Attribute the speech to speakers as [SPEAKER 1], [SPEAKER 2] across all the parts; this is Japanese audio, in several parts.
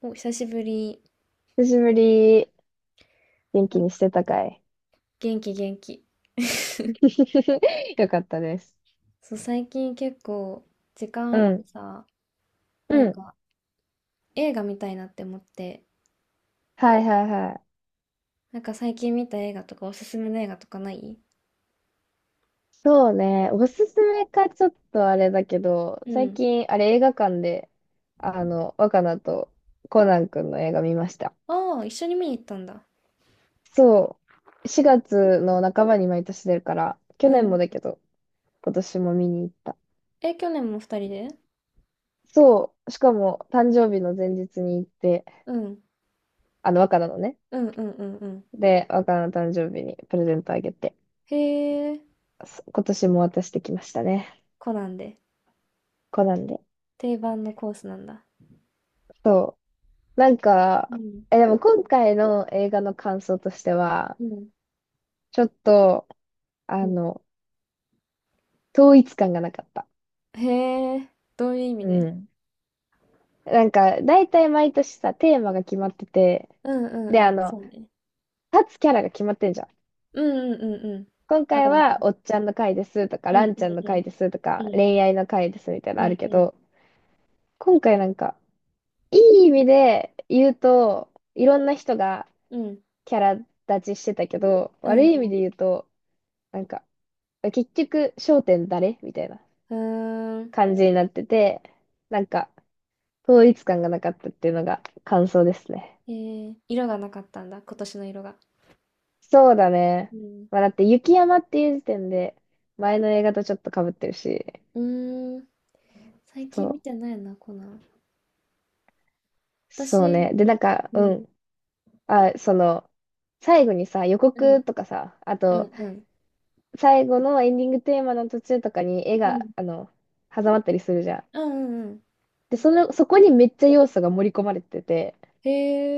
[SPEAKER 1] お、久しぶり。
[SPEAKER 2] 久しぶり。元
[SPEAKER 1] な
[SPEAKER 2] 気
[SPEAKER 1] ん
[SPEAKER 2] にし
[SPEAKER 1] か
[SPEAKER 2] てたかい？
[SPEAKER 1] 元気元気。
[SPEAKER 2] よかったです。
[SPEAKER 1] そう、最近結構時間
[SPEAKER 2] う
[SPEAKER 1] あって
[SPEAKER 2] ん。
[SPEAKER 1] さ、な
[SPEAKER 2] う
[SPEAKER 1] ん
[SPEAKER 2] ん。
[SPEAKER 1] か映画見たいなって思って、
[SPEAKER 2] はいはいはい。
[SPEAKER 1] なんか最近見た映画とかおすすめの映画とかない？
[SPEAKER 2] そうね。おすすめかちょっとあれだけど、
[SPEAKER 1] う
[SPEAKER 2] 最
[SPEAKER 1] ん。
[SPEAKER 2] 近、あれ映画館で、若菜とコナン君の映画見ました。
[SPEAKER 1] ああ、一緒に見に行ったんだ。
[SPEAKER 2] そう。4月の半ばに毎年出るから、
[SPEAKER 1] う
[SPEAKER 2] 去年もだ
[SPEAKER 1] ん。
[SPEAKER 2] けど、今年も見に行った。
[SPEAKER 1] え、去年も二人で？
[SPEAKER 2] そう。しかも、誕生日の前日に行って、
[SPEAKER 1] うん。
[SPEAKER 2] 若菜のね。
[SPEAKER 1] うんうんうんうん。
[SPEAKER 2] で、若菜の誕生日にプレゼントあげて、
[SPEAKER 1] へえ、
[SPEAKER 2] 今年も渡してきましたね。
[SPEAKER 1] コナンで。
[SPEAKER 2] コナンで。
[SPEAKER 1] 定番のコースなんだ。
[SPEAKER 2] そう。なん
[SPEAKER 1] う
[SPEAKER 2] か、
[SPEAKER 1] ん。
[SPEAKER 2] でも今回の映画の感想としては、
[SPEAKER 1] うん。
[SPEAKER 2] ちょっと、あ
[SPEAKER 1] うん。
[SPEAKER 2] の、統一感がなかった。
[SPEAKER 1] へえ、どういう意味
[SPEAKER 2] う
[SPEAKER 1] で？
[SPEAKER 2] ん。なんか、大体毎年さ、テーマが決まってて、
[SPEAKER 1] うんう
[SPEAKER 2] で、
[SPEAKER 1] んうん。そうね。
[SPEAKER 2] 立つキャラが決まってんじゃん。
[SPEAKER 1] うんうんうんうん。
[SPEAKER 2] 今
[SPEAKER 1] わか
[SPEAKER 2] 回
[SPEAKER 1] るわか
[SPEAKER 2] は、
[SPEAKER 1] る。
[SPEAKER 2] おっちゃんの回ですとか、
[SPEAKER 1] う
[SPEAKER 2] ラ
[SPEAKER 1] ん
[SPEAKER 2] ン
[SPEAKER 1] う
[SPEAKER 2] ちゃん
[SPEAKER 1] ん
[SPEAKER 2] の
[SPEAKER 1] う
[SPEAKER 2] 回
[SPEAKER 1] ん。
[SPEAKER 2] ですと
[SPEAKER 1] う
[SPEAKER 2] か、
[SPEAKER 1] ん
[SPEAKER 2] 恋愛の回ですみたいな
[SPEAKER 1] う
[SPEAKER 2] のある
[SPEAKER 1] ん
[SPEAKER 2] け
[SPEAKER 1] う
[SPEAKER 2] ど、
[SPEAKER 1] ん。
[SPEAKER 2] 今回なんか、いい意味で言うと、いろんな人が
[SPEAKER 1] うん。
[SPEAKER 2] キャラ立ちしてたけど、
[SPEAKER 1] う
[SPEAKER 2] 悪
[SPEAKER 1] ん。
[SPEAKER 2] い意味で言うと、なんか、結局、焦点誰みたいな
[SPEAKER 1] うーん。
[SPEAKER 2] 感じになってて、なんか、統一感がなかったっていうのが感想ですね。
[SPEAKER 1] えー、色がなかったんだ、今年の色が。
[SPEAKER 2] そうだね。
[SPEAKER 1] うん。
[SPEAKER 2] まあ、だって、雪山っていう時点で、前の映画とちょっと被ってるし、
[SPEAKER 1] うーん。最
[SPEAKER 2] そ
[SPEAKER 1] 近見
[SPEAKER 2] う、
[SPEAKER 1] てないな、コナン。
[SPEAKER 2] そう
[SPEAKER 1] 私、
[SPEAKER 2] ね。で、なんか、
[SPEAKER 1] う
[SPEAKER 2] う
[SPEAKER 1] ん、
[SPEAKER 2] ん。あ、その、最後にさ、予
[SPEAKER 1] うん、
[SPEAKER 2] 告とかさ、あ
[SPEAKER 1] う
[SPEAKER 2] と、
[SPEAKER 1] ん、うん。
[SPEAKER 2] 最後のエンディングテーマの途中とかに絵
[SPEAKER 1] う
[SPEAKER 2] が、
[SPEAKER 1] ん、
[SPEAKER 2] 挟まったりするじゃん。
[SPEAKER 1] うん、うんうん。
[SPEAKER 2] で、その、そこにめっちゃ要素が盛り込まれてて、
[SPEAKER 1] へ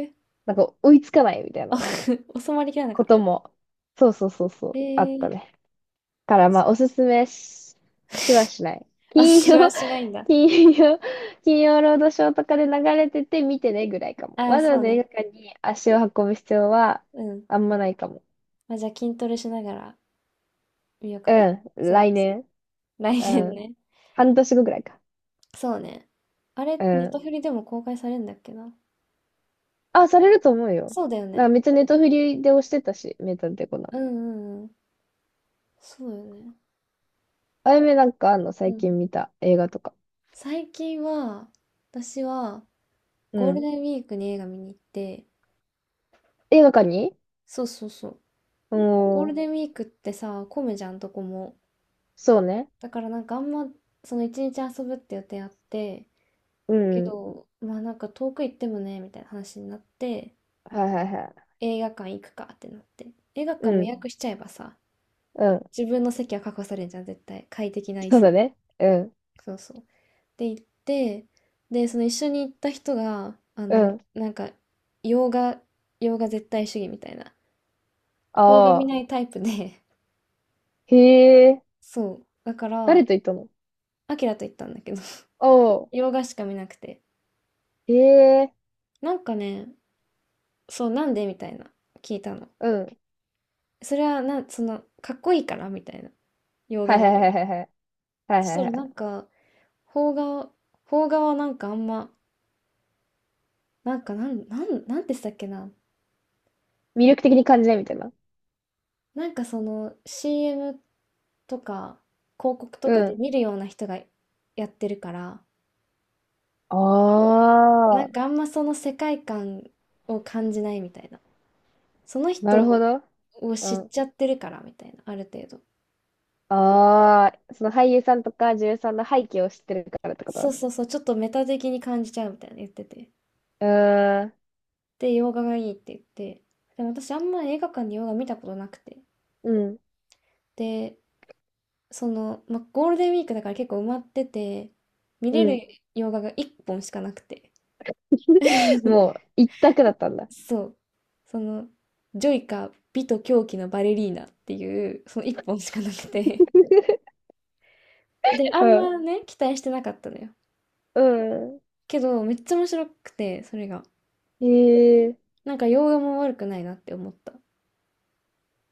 [SPEAKER 1] え。
[SPEAKER 2] なんか追いつかないみたいな
[SPEAKER 1] あ、収まりきらなか
[SPEAKER 2] こ
[SPEAKER 1] っ
[SPEAKER 2] と
[SPEAKER 1] た。
[SPEAKER 2] も、そうそうそうそう、
[SPEAKER 1] へ
[SPEAKER 2] あった
[SPEAKER 1] え。
[SPEAKER 2] ね。からまあ、おすすめし、しはしない。
[SPEAKER 1] あ、
[SPEAKER 2] 金
[SPEAKER 1] しは
[SPEAKER 2] 曜、
[SPEAKER 1] しないん だ。
[SPEAKER 2] 金曜、金曜ロードショーとかで流れてて見てねぐらいかも。
[SPEAKER 1] ああ、
[SPEAKER 2] わざわ
[SPEAKER 1] そう
[SPEAKER 2] ざ映
[SPEAKER 1] ね。
[SPEAKER 2] 画館に足を運ぶ必要は
[SPEAKER 1] うん。
[SPEAKER 2] あんまないかも。
[SPEAKER 1] まあ、じゃあ筋トレしながら見ようかな。
[SPEAKER 2] うん、
[SPEAKER 1] それこ
[SPEAKER 2] 来
[SPEAKER 1] そ。
[SPEAKER 2] 年。
[SPEAKER 1] 来
[SPEAKER 2] う
[SPEAKER 1] 年
[SPEAKER 2] ん、
[SPEAKER 1] ね。
[SPEAKER 2] 半年後ぐらいか。
[SPEAKER 1] そうね。あれ、
[SPEAKER 2] う
[SPEAKER 1] ネット
[SPEAKER 2] ん。
[SPEAKER 1] フリでも公開されるんだっけな。
[SPEAKER 2] あ、されると思うよ。
[SPEAKER 1] そうだよ
[SPEAKER 2] なんか
[SPEAKER 1] ね。
[SPEAKER 2] めっちゃネトフリで押してたし、メタデコナ。
[SPEAKER 1] うんうんうん。そうだよね。
[SPEAKER 2] あやめ、なんかあんの？
[SPEAKER 1] う
[SPEAKER 2] 最
[SPEAKER 1] ん。
[SPEAKER 2] 近見た映画とか。
[SPEAKER 1] 最近は、私は
[SPEAKER 2] う
[SPEAKER 1] ゴール
[SPEAKER 2] ん。
[SPEAKER 1] デンウィークに映画見に行って、
[SPEAKER 2] 映画館に。
[SPEAKER 1] そうそうそう。
[SPEAKER 2] う
[SPEAKER 1] ゴール
[SPEAKER 2] ん。
[SPEAKER 1] デンウィークってさ、混むじゃん、どこも。
[SPEAKER 2] そうね。
[SPEAKER 1] だからなんかあんま、その一日遊ぶって予定あって、
[SPEAKER 2] う
[SPEAKER 1] け
[SPEAKER 2] ん。
[SPEAKER 1] ど、まあなんか遠く行ってもね、みたいな話になって、
[SPEAKER 2] はいはいは
[SPEAKER 1] 映画館行くかってなって。映画
[SPEAKER 2] い。
[SPEAKER 1] 館
[SPEAKER 2] う
[SPEAKER 1] も予
[SPEAKER 2] ん。
[SPEAKER 1] 約しちゃえばさ、
[SPEAKER 2] うん。
[SPEAKER 1] 自分の席は確保されるじゃん、絶対。快適な椅
[SPEAKER 2] そうだ
[SPEAKER 1] 子。
[SPEAKER 2] ね。うん。
[SPEAKER 1] そうそう。で、行って、で、その一緒に行った人が、
[SPEAKER 2] うん。
[SPEAKER 1] なんか、洋画、洋画絶対主義みたいな、邦画見
[SPEAKER 2] ああ。
[SPEAKER 1] ないタイプで、
[SPEAKER 2] へえ。
[SPEAKER 1] そう。だか
[SPEAKER 2] 誰
[SPEAKER 1] ら、
[SPEAKER 2] と行ったの？
[SPEAKER 1] アキラと行ったんだけど、
[SPEAKER 2] ああ。
[SPEAKER 1] 洋画しか見なくて。
[SPEAKER 2] へえ。
[SPEAKER 1] なんかね、そう、なんでみたいな、聞いたの。
[SPEAKER 2] うん。
[SPEAKER 1] それは、その、かっこいいからみたいな、洋
[SPEAKER 2] は
[SPEAKER 1] 画
[SPEAKER 2] い
[SPEAKER 1] の
[SPEAKER 2] はい
[SPEAKER 1] 方
[SPEAKER 2] はい
[SPEAKER 1] が。
[SPEAKER 2] はいはい。はい
[SPEAKER 1] そし
[SPEAKER 2] はい
[SPEAKER 1] た
[SPEAKER 2] は
[SPEAKER 1] ら、な
[SPEAKER 2] い。
[SPEAKER 1] んか、邦画、邦画はなんかあんま、なんか、なんてしたっけな。
[SPEAKER 2] 魅力的に感じないみたいな。
[SPEAKER 1] なんかその CM とか広告と
[SPEAKER 2] う
[SPEAKER 1] かで
[SPEAKER 2] ん。
[SPEAKER 1] 見るような人がやってるから、
[SPEAKER 2] あ
[SPEAKER 1] な
[SPEAKER 2] あ。
[SPEAKER 1] んかあんまその世界観を感じないみたいな、その
[SPEAKER 2] なるほ
[SPEAKER 1] 人
[SPEAKER 2] ど。
[SPEAKER 1] を
[SPEAKER 2] う
[SPEAKER 1] 知っ
[SPEAKER 2] ん。
[SPEAKER 1] ちゃってるからみたいな、ある程度
[SPEAKER 2] ああ。その俳優さんとか女優さんの背景を知ってるからってこと？
[SPEAKER 1] そう
[SPEAKER 2] う
[SPEAKER 1] そうそう。ちょっとメタ的に感じちゃうみたいな言ってて、
[SPEAKER 2] ーん。
[SPEAKER 1] で洋画がいいって言って、でも私あんま映画館で洋画見たことなくて、
[SPEAKER 2] うん。
[SPEAKER 1] で、その、まあ、ゴールデンウィークだから結構埋まってて、見
[SPEAKER 2] う
[SPEAKER 1] れ
[SPEAKER 2] ん。
[SPEAKER 1] る洋画が1本しかなくて。
[SPEAKER 2] もう、一択だったんだ。
[SPEAKER 1] そう。その、ジョイカ美と狂気のバレリーナっていう、その一本しかなくて。で、あ
[SPEAKER 2] う
[SPEAKER 1] ん
[SPEAKER 2] ん。
[SPEAKER 1] まね、期待してなかったのよ。
[SPEAKER 2] うん。
[SPEAKER 1] けど、めっちゃ面白くて、それが。
[SPEAKER 2] へえ、
[SPEAKER 1] なんか、洋画も悪くないなって思った。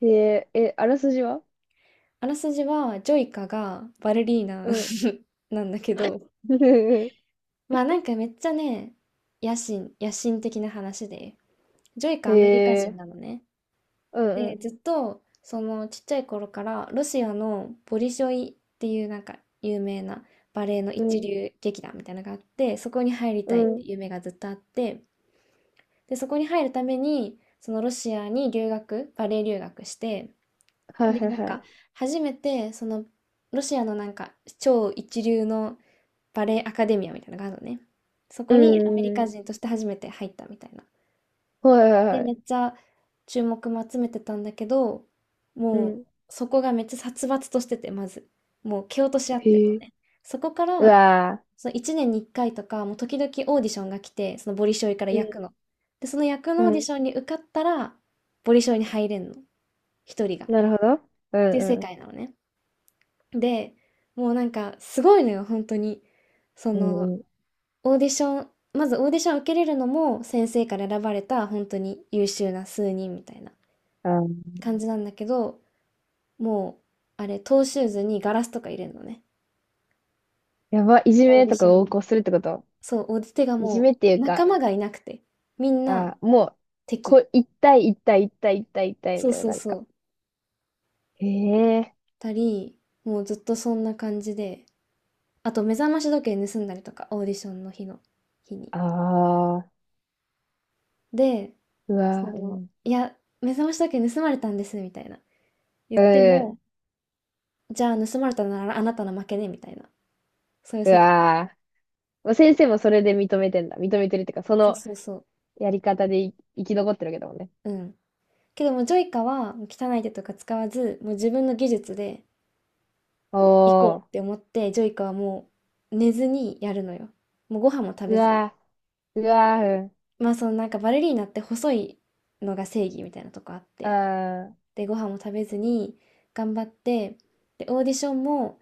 [SPEAKER 2] へえ、え、あらすじは？
[SPEAKER 1] あらすじは、ジョイカがバレリーナ
[SPEAKER 2] うん。
[SPEAKER 1] なんだけど、まあなんかめっちゃね、野心的な話で、ジョイ
[SPEAKER 2] へ
[SPEAKER 1] カアメリカ人
[SPEAKER 2] え、
[SPEAKER 1] なのね。
[SPEAKER 2] うんう
[SPEAKER 1] で、
[SPEAKER 2] ん。
[SPEAKER 1] ずっと、そのちっちゃい頃から、ロシアのボリショイっていうなんか有名なバレエの
[SPEAKER 2] う
[SPEAKER 1] 一
[SPEAKER 2] ん、
[SPEAKER 1] 流劇団みたいなのがあって、そこに入り
[SPEAKER 2] う
[SPEAKER 1] たいってい
[SPEAKER 2] ん。
[SPEAKER 1] う夢がずっとあって、で、そこに入るために、そのロシアにバレエ留学して、
[SPEAKER 2] はい
[SPEAKER 1] で、
[SPEAKER 2] はい
[SPEAKER 1] なん
[SPEAKER 2] は
[SPEAKER 1] か、
[SPEAKER 2] い。
[SPEAKER 1] 初めて、その、ロシアのなんか、超一流のバレエアカデミアみたいなのがあるのね。そ
[SPEAKER 2] う
[SPEAKER 1] こにアメリカ
[SPEAKER 2] ん。
[SPEAKER 1] 人として初めて入ったみたいな。
[SPEAKER 2] はいはい
[SPEAKER 1] で、
[SPEAKER 2] は
[SPEAKER 1] めっ
[SPEAKER 2] い。
[SPEAKER 1] ちゃ注目も集めてたんだけど、
[SPEAKER 2] う
[SPEAKER 1] もう
[SPEAKER 2] ん。
[SPEAKER 1] そこがめっちゃ殺伐としてて、まず。もう蹴落とし合ってた
[SPEAKER 2] へ
[SPEAKER 1] の
[SPEAKER 2] え。
[SPEAKER 1] ね。そこか
[SPEAKER 2] う
[SPEAKER 1] ら、
[SPEAKER 2] わ
[SPEAKER 1] その1年に1回とか、もう時々オーディションが来て、そのボリショイから
[SPEAKER 2] ー、
[SPEAKER 1] 役の。で、その役
[SPEAKER 2] う
[SPEAKER 1] のオー
[SPEAKER 2] ん。う
[SPEAKER 1] ディ
[SPEAKER 2] ん。
[SPEAKER 1] ションに受かったら、ボリショイに入れんの。一人が。っ
[SPEAKER 2] なるほど。う
[SPEAKER 1] ていう世
[SPEAKER 2] んう
[SPEAKER 1] 界
[SPEAKER 2] ん。
[SPEAKER 1] なのね。で、もうなんかすごいのよ、本当に。そ
[SPEAKER 2] う
[SPEAKER 1] の、
[SPEAKER 2] んうん。
[SPEAKER 1] オーディション、まずオーディション受けれるのも先生から選ばれた本当に優秀な数人みたいな
[SPEAKER 2] あー、
[SPEAKER 1] 感じなんだけど、もう、トーシューズにガラスとか入れるのね。
[SPEAKER 2] やば、いじ
[SPEAKER 1] オー
[SPEAKER 2] め
[SPEAKER 1] ディ
[SPEAKER 2] と
[SPEAKER 1] シ
[SPEAKER 2] か
[SPEAKER 1] ョン
[SPEAKER 2] を横
[SPEAKER 1] に。
[SPEAKER 2] 行するってこと？
[SPEAKER 1] そう、オーディテが
[SPEAKER 2] いじ
[SPEAKER 1] も
[SPEAKER 2] めってい
[SPEAKER 1] う、
[SPEAKER 2] う
[SPEAKER 1] 仲
[SPEAKER 2] か、
[SPEAKER 1] 間がいなくて、みんな
[SPEAKER 2] あー、もう、こ
[SPEAKER 1] 敵。
[SPEAKER 2] う、一対一対一対一対一対み
[SPEAKER 1] そう
[SPEAKER 2] たいな
[SPEAKER 1] そう
[SPEAKER 2] 感じ
[SPEAKER 1] そ
[SPEAKER 2] か。
[SPEAKER 1] う。
[SPEAKER 2] へえ。
[SPEAKER 1] たり、もうずっとそんな感じで、あと目覚まし時計盗んだりとか、オーディションの日に。
[SPEAKER 2] ああ、
[SPEAKER 1] で、
[SPEAKER 2] う
[SPEAKER 1] そ
[SPEAKER 2] わー、う
[SPEAKER 1] の、
[SPEAKER 2] ん。
[SPEAKER 1] いや、目覚まし時計盗まれたんです、みたいな。言っ
[SPEAKER 2] う
[SPEAKER 1] て
[SPEAKER 2] ん。
[SPEAKER 1] も、じゃあ盗まれたならあなたの負けね、みたいな。そういう
[SPEAKER 2] う
[SPEAKER 1] 世界。
[SPEAKER 2] わー、先生もそれで認めてんだ。認めてるっていうか、そ
[SPEAKER 1] そう
[SPEAKER 2] の
[SPEAKER 1] そうそ
[SPEAKER 2] やり方でい生き残ってるわけだもんね。
[SPEAKER 1] う。うん。けどもジョイカは汚い手とか使わず、もう自分の技術で行こ
[SPEAKER 2] お
[SPEAKER 1] うって
[SPEAKER 2] ー、
[SPEAKER 1] 思って、ジョイカはもう寝ずにやるのよ。もうご飯も食
[SPEAKER 2] う
[SPEAKER 1] べずに。
[SPEAKER 2] わー、うわー、
[SPEAKER 1] まあそのなんかバレリーナって細いのが正義みたいなとこあっ
[SPEAKER 2] うん、
[SPEAKER 1] て。
[SPEAKER 2] あー、
[SPEAKER 1] で、ご飯も食べずに頑張って、で、オーディションも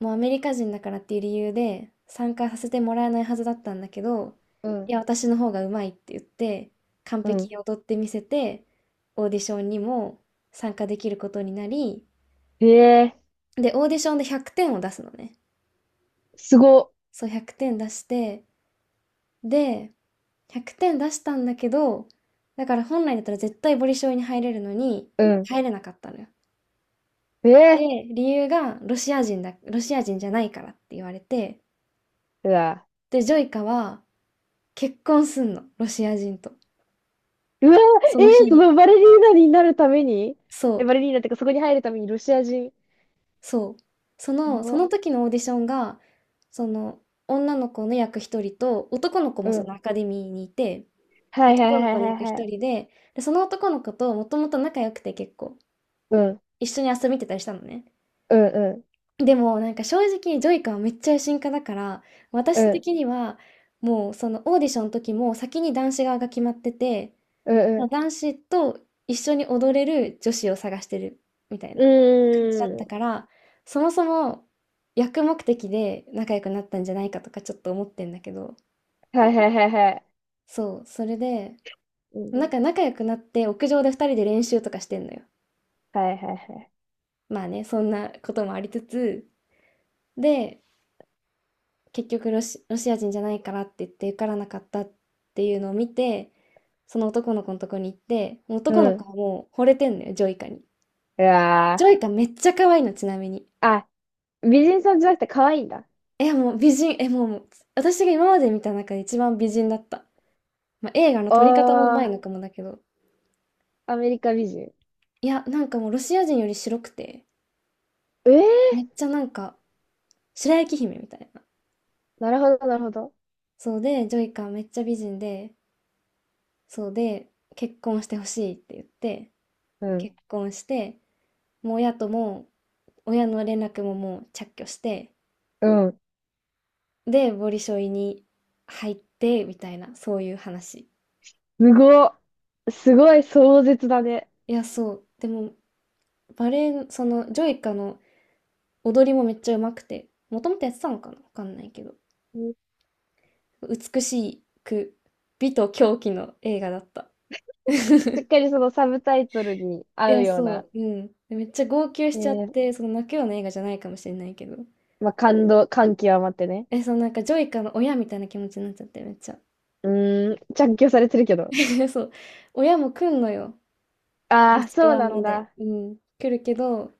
[SPEAKER 1] もうアメリカ人だからっていう理由で参加させてもらえないはずだったんだけど、
[SPEAKER 2] う
[SPEAKER 1] い
[SPEAKER 2] ん、
[SPEAKER 1] や、私の方がうまいって言って、完
[SPEAKER 2] う
[SPEAKER 1] 璧
[SPEAKER 2] ん。
[SPEAKER 1] に踊ってみせて、オーディションにも参加できることになり、
[SPEAKER 2] ええ
[SPEAKER 1] で、オーディションで100点を出すのね。
[SPEAKER 2] ー、すご、
[SPEAKER 1] そう、100点出して、で、100点出したんだけど、だから本来だったら絶対ボリショイに入れるのに、
[SPEAKER 2] うん、
[SPEAKER 1] 入れなかったのよ。で、
[SPEAKER 2] ええ
[SPEAKER 1] 理由がロシア人だ、ロシア人じゃないからって言われて、
[SPEAKER 2] ー、うわ
[SPEAKER 1] で、ジョイカは結婚すんの、ロシア人と。
[SPEAKER 2] ー、うわ
[SPEAKER 1] そ
[SPEAKER 2] ー、ええ
[SPEAKER 1] の日
[SPEAKER 2] ー、そ
[SPEAKER 1] に。
[SPEAKER 2] のバレリーナになるために、
[SPEAKER 1] そ
[SPEAKER 2] え、
[SPEAKER 1] う、
[SPEAKER 2] バレリーナってか、そこに入るためにロシア人、
[SPEAKER 1] そう。
[SPEAKER 2] や
[SPEAKER 1] そ
[SPEAKER 2] ば、
[SPEAKER 1] の時のオーディションが、その、女の子の役一人と、男の子
[SPEAKER 2] う
[SPEAKER 1] もそ
[SPEAKER 2] ん、
[SPEAKER 1] のアカデミーにいて、
[SPEAKER 2] はいはい
[SPEAKER 1] 男
[SPEAKER 2] は
[SPEAKER 1] の
[SPEAKER 2] い
[SPEAKER 1] 子の
[SPEAKER 2] はい
[SPEAKER 1] 役
[SPEAKER 2] は
[SPEAKER 1] 一人
[SPEAKER 2] い、
[SPEAKER 1] で、で、その男の子ともともと仲良くて結構、
[SPEAKER 2] うん、
[SPEAKER 1] 一緒に遊びに行ってたりしたのね。
[SPEAKER 2] うん、うん、
[SPEAKER 1] でもなんか正直ジョイカはめっちゃ野心家だから、
[SPEAKER 2] う
[SPEAKER 1] 私
[SPEAKER 2] ん、
[SPEAKER 1] 的にはもうそのオーディションの時も先に男子側が決まってて、
[SPEAKER 2] うん、う
[SPEAKER 1] まあ
[SPEAKER 2] ん、
[SPEAKER 1] 男子と一緒に踊れる女子を探してるみたい
[SPEAKER 2] う
[SPEAKER 1] な感じだっ
[SPEAKER 2] ー
[SPEAKER 1] た
[SPEAKER 2] ん、
[SPEAKER 1] から、そもそも役目的で仲良くなったんじゃないかとかちょっと思ってんだけど、
[SPEAKER 2] はいはいはいはい、
[SPEAKER 1] そう、それで、
[SPEAKER 2] うん、
[SPEAKER 1] なんか仲良くなって屋上で二人で練習とかしてんのよ。
[SPEAKER 2] はいはいはい、
[SPEAKER 1] まあね、そんなこともありつつ、で、結局ロシア人じゃないからって言って受からなかったっていうのを見て、その男の子のとこに行って、
[SPEAKER 2] う
[SPEAKER 1] 男の
[SPEAKER 2] ん、
[SPEAKER 1] 子はもう惚れてんのよ、ジョイカに。
[SPEAKER 2] う
[SPEAKER 1] ジョ
[SPEAKER 2] わ
[SPEAKER 1] イカめっちゃ可愛いの、ちなみに。
[SPEAKER 2] ー、あ、美人さんじゃなくて可愛いんだ。
[SPEAKER 1] いや、もう美人、え、もう、もう私が今まで見た中で一番美人だった。まあ、映画の撮り方もうまい
[SPEAKER 2] あ
[SPEAKER 1] のかもだけど。
[SPEAKER 2] あ、アメリカ美人。
[SPEAKER 1] いや、なんかもうロシア人より白くて、
[SPEAKER 2] ええ
[SPEAKER 1] めっちゃなんか、白雪姫みたいな。
[SPEAKER 2] ー、なるほど、なるほど。
[SPEAKER 1] そうで、ジョイカめっちゃ美人で、そうで、結婚してほしいって言って、
[SPEAKER 2] うん。
[SPEAKER 1] 結婚して、もう親とも、親の連絡ももう着去して、
[SPEAKER 2] うん。
[SPEAKER 1] で、ボリショイに入って、みたいな、そういう話。
[SPEAKER 2] すごっ。すごい壮絶だね。
[SPEAKER 1] いや、そう。でも、バレエ、その、ジョイカの踊りもめっちゃ上手くて、もともとやってたのかなわかんないけど。
[SPEAKER 2] うん。
[SPEAKER 1] 美しく、美と狂気の映画だった。
[SPEAKER 2] しっ かりそのサブタイトルに
[SPEAKER 1] い
[SPEAKER 2] 合う
[SPEAKER 1] や、
[SPEAKER 2] ような。
[SPEAKER 1] そう、うん。でめっちゃ号泣し
[SPEAKER 2] え
[SPEAKER 1] ちゃっ
[SPEAKER 2] ー、
[SPEAKER 1] て、その泣くような映画じゃないかもしれないけど。
[SPEAKER 2] まあ、感動、感極まってね。
[SPEAKER 1] そのなんかジョイカの親みたいな気持ちになっちゃって、めっちゃ。
[SPEAKER 2] うーん、着去されてるけど。
[SPEAKER 1] そう。親も来んのよ。モ
[SPEAKER 2] ああ、
[SPEAKER 1] スク
[SPEAKER 2] そう
[SPEAKER 1] ワ
[SPEAKER 2] な
[SPEAKER 1] ま
[SPEAKER 2] ん
[SPEAKER 1] で、
[SPEAKER 2] だ。
[SPEAKER 1] うん、来るけど、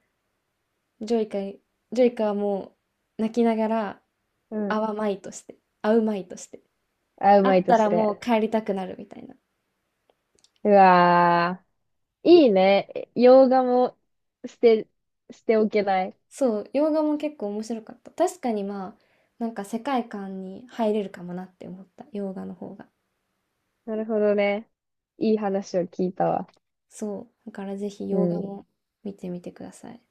[SPEAKER 1] ジョイカ、ジョイカはもう泣きながら、
[SPEAKER 2] う
[SPEAKER 1] 会
[SPEAKER 2] ん。
[SPEAKER 1] わまいとして、会うまいとして、
[SPEAKER 2] あう
[SPEAKER 1] 会
[SPEAKER 2] ま
[SPEAKER 1] っ
[SPEAKER 2] いと
[SPEAKER 1] た
[SPEAKER 2] し
[SPEAKER 1] らもう
[SPEAKER 2] て。
[SPEAKER 1] 帰りたくなるみたいな。
[SPEAKER 2] うわー。いいね。え、洋画も捨て、捨ておけない。
[SPEAKER 1] そう、洋画も結構面白かった。確かにまあ、なんか世界観に入れるかもなって思った、洋画の方が。
[SPEAKER 2] なるほどね。いい話を聞いたわ。
[SPEAKER 1] そう、だからぜひ
[SPEAKER 2] う
[SPEAKER 1] 洋画
[SPEAKER 2] ん。
[SPEAKER 1] も見てみてください。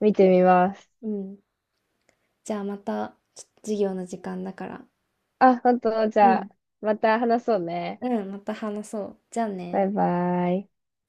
[SPEAKER 2] 見てみます。
[SPEAKER 1] うん。じゃあまた、ちょっと授業の時間だから。
[SPEAKER 2] あ、本当、じ
[SPEAKER 1] う
[SPEAKER 2] ゃ
[SPEAKER 1] ん。
[SPEAKER 2] あ、また話そうね。
[SPEAKER 1] うん、また話そう。じゃあ
[SPEAKER 2] バイ
[SPEAKER 1] ね。
[SPEAKER 2] バイ。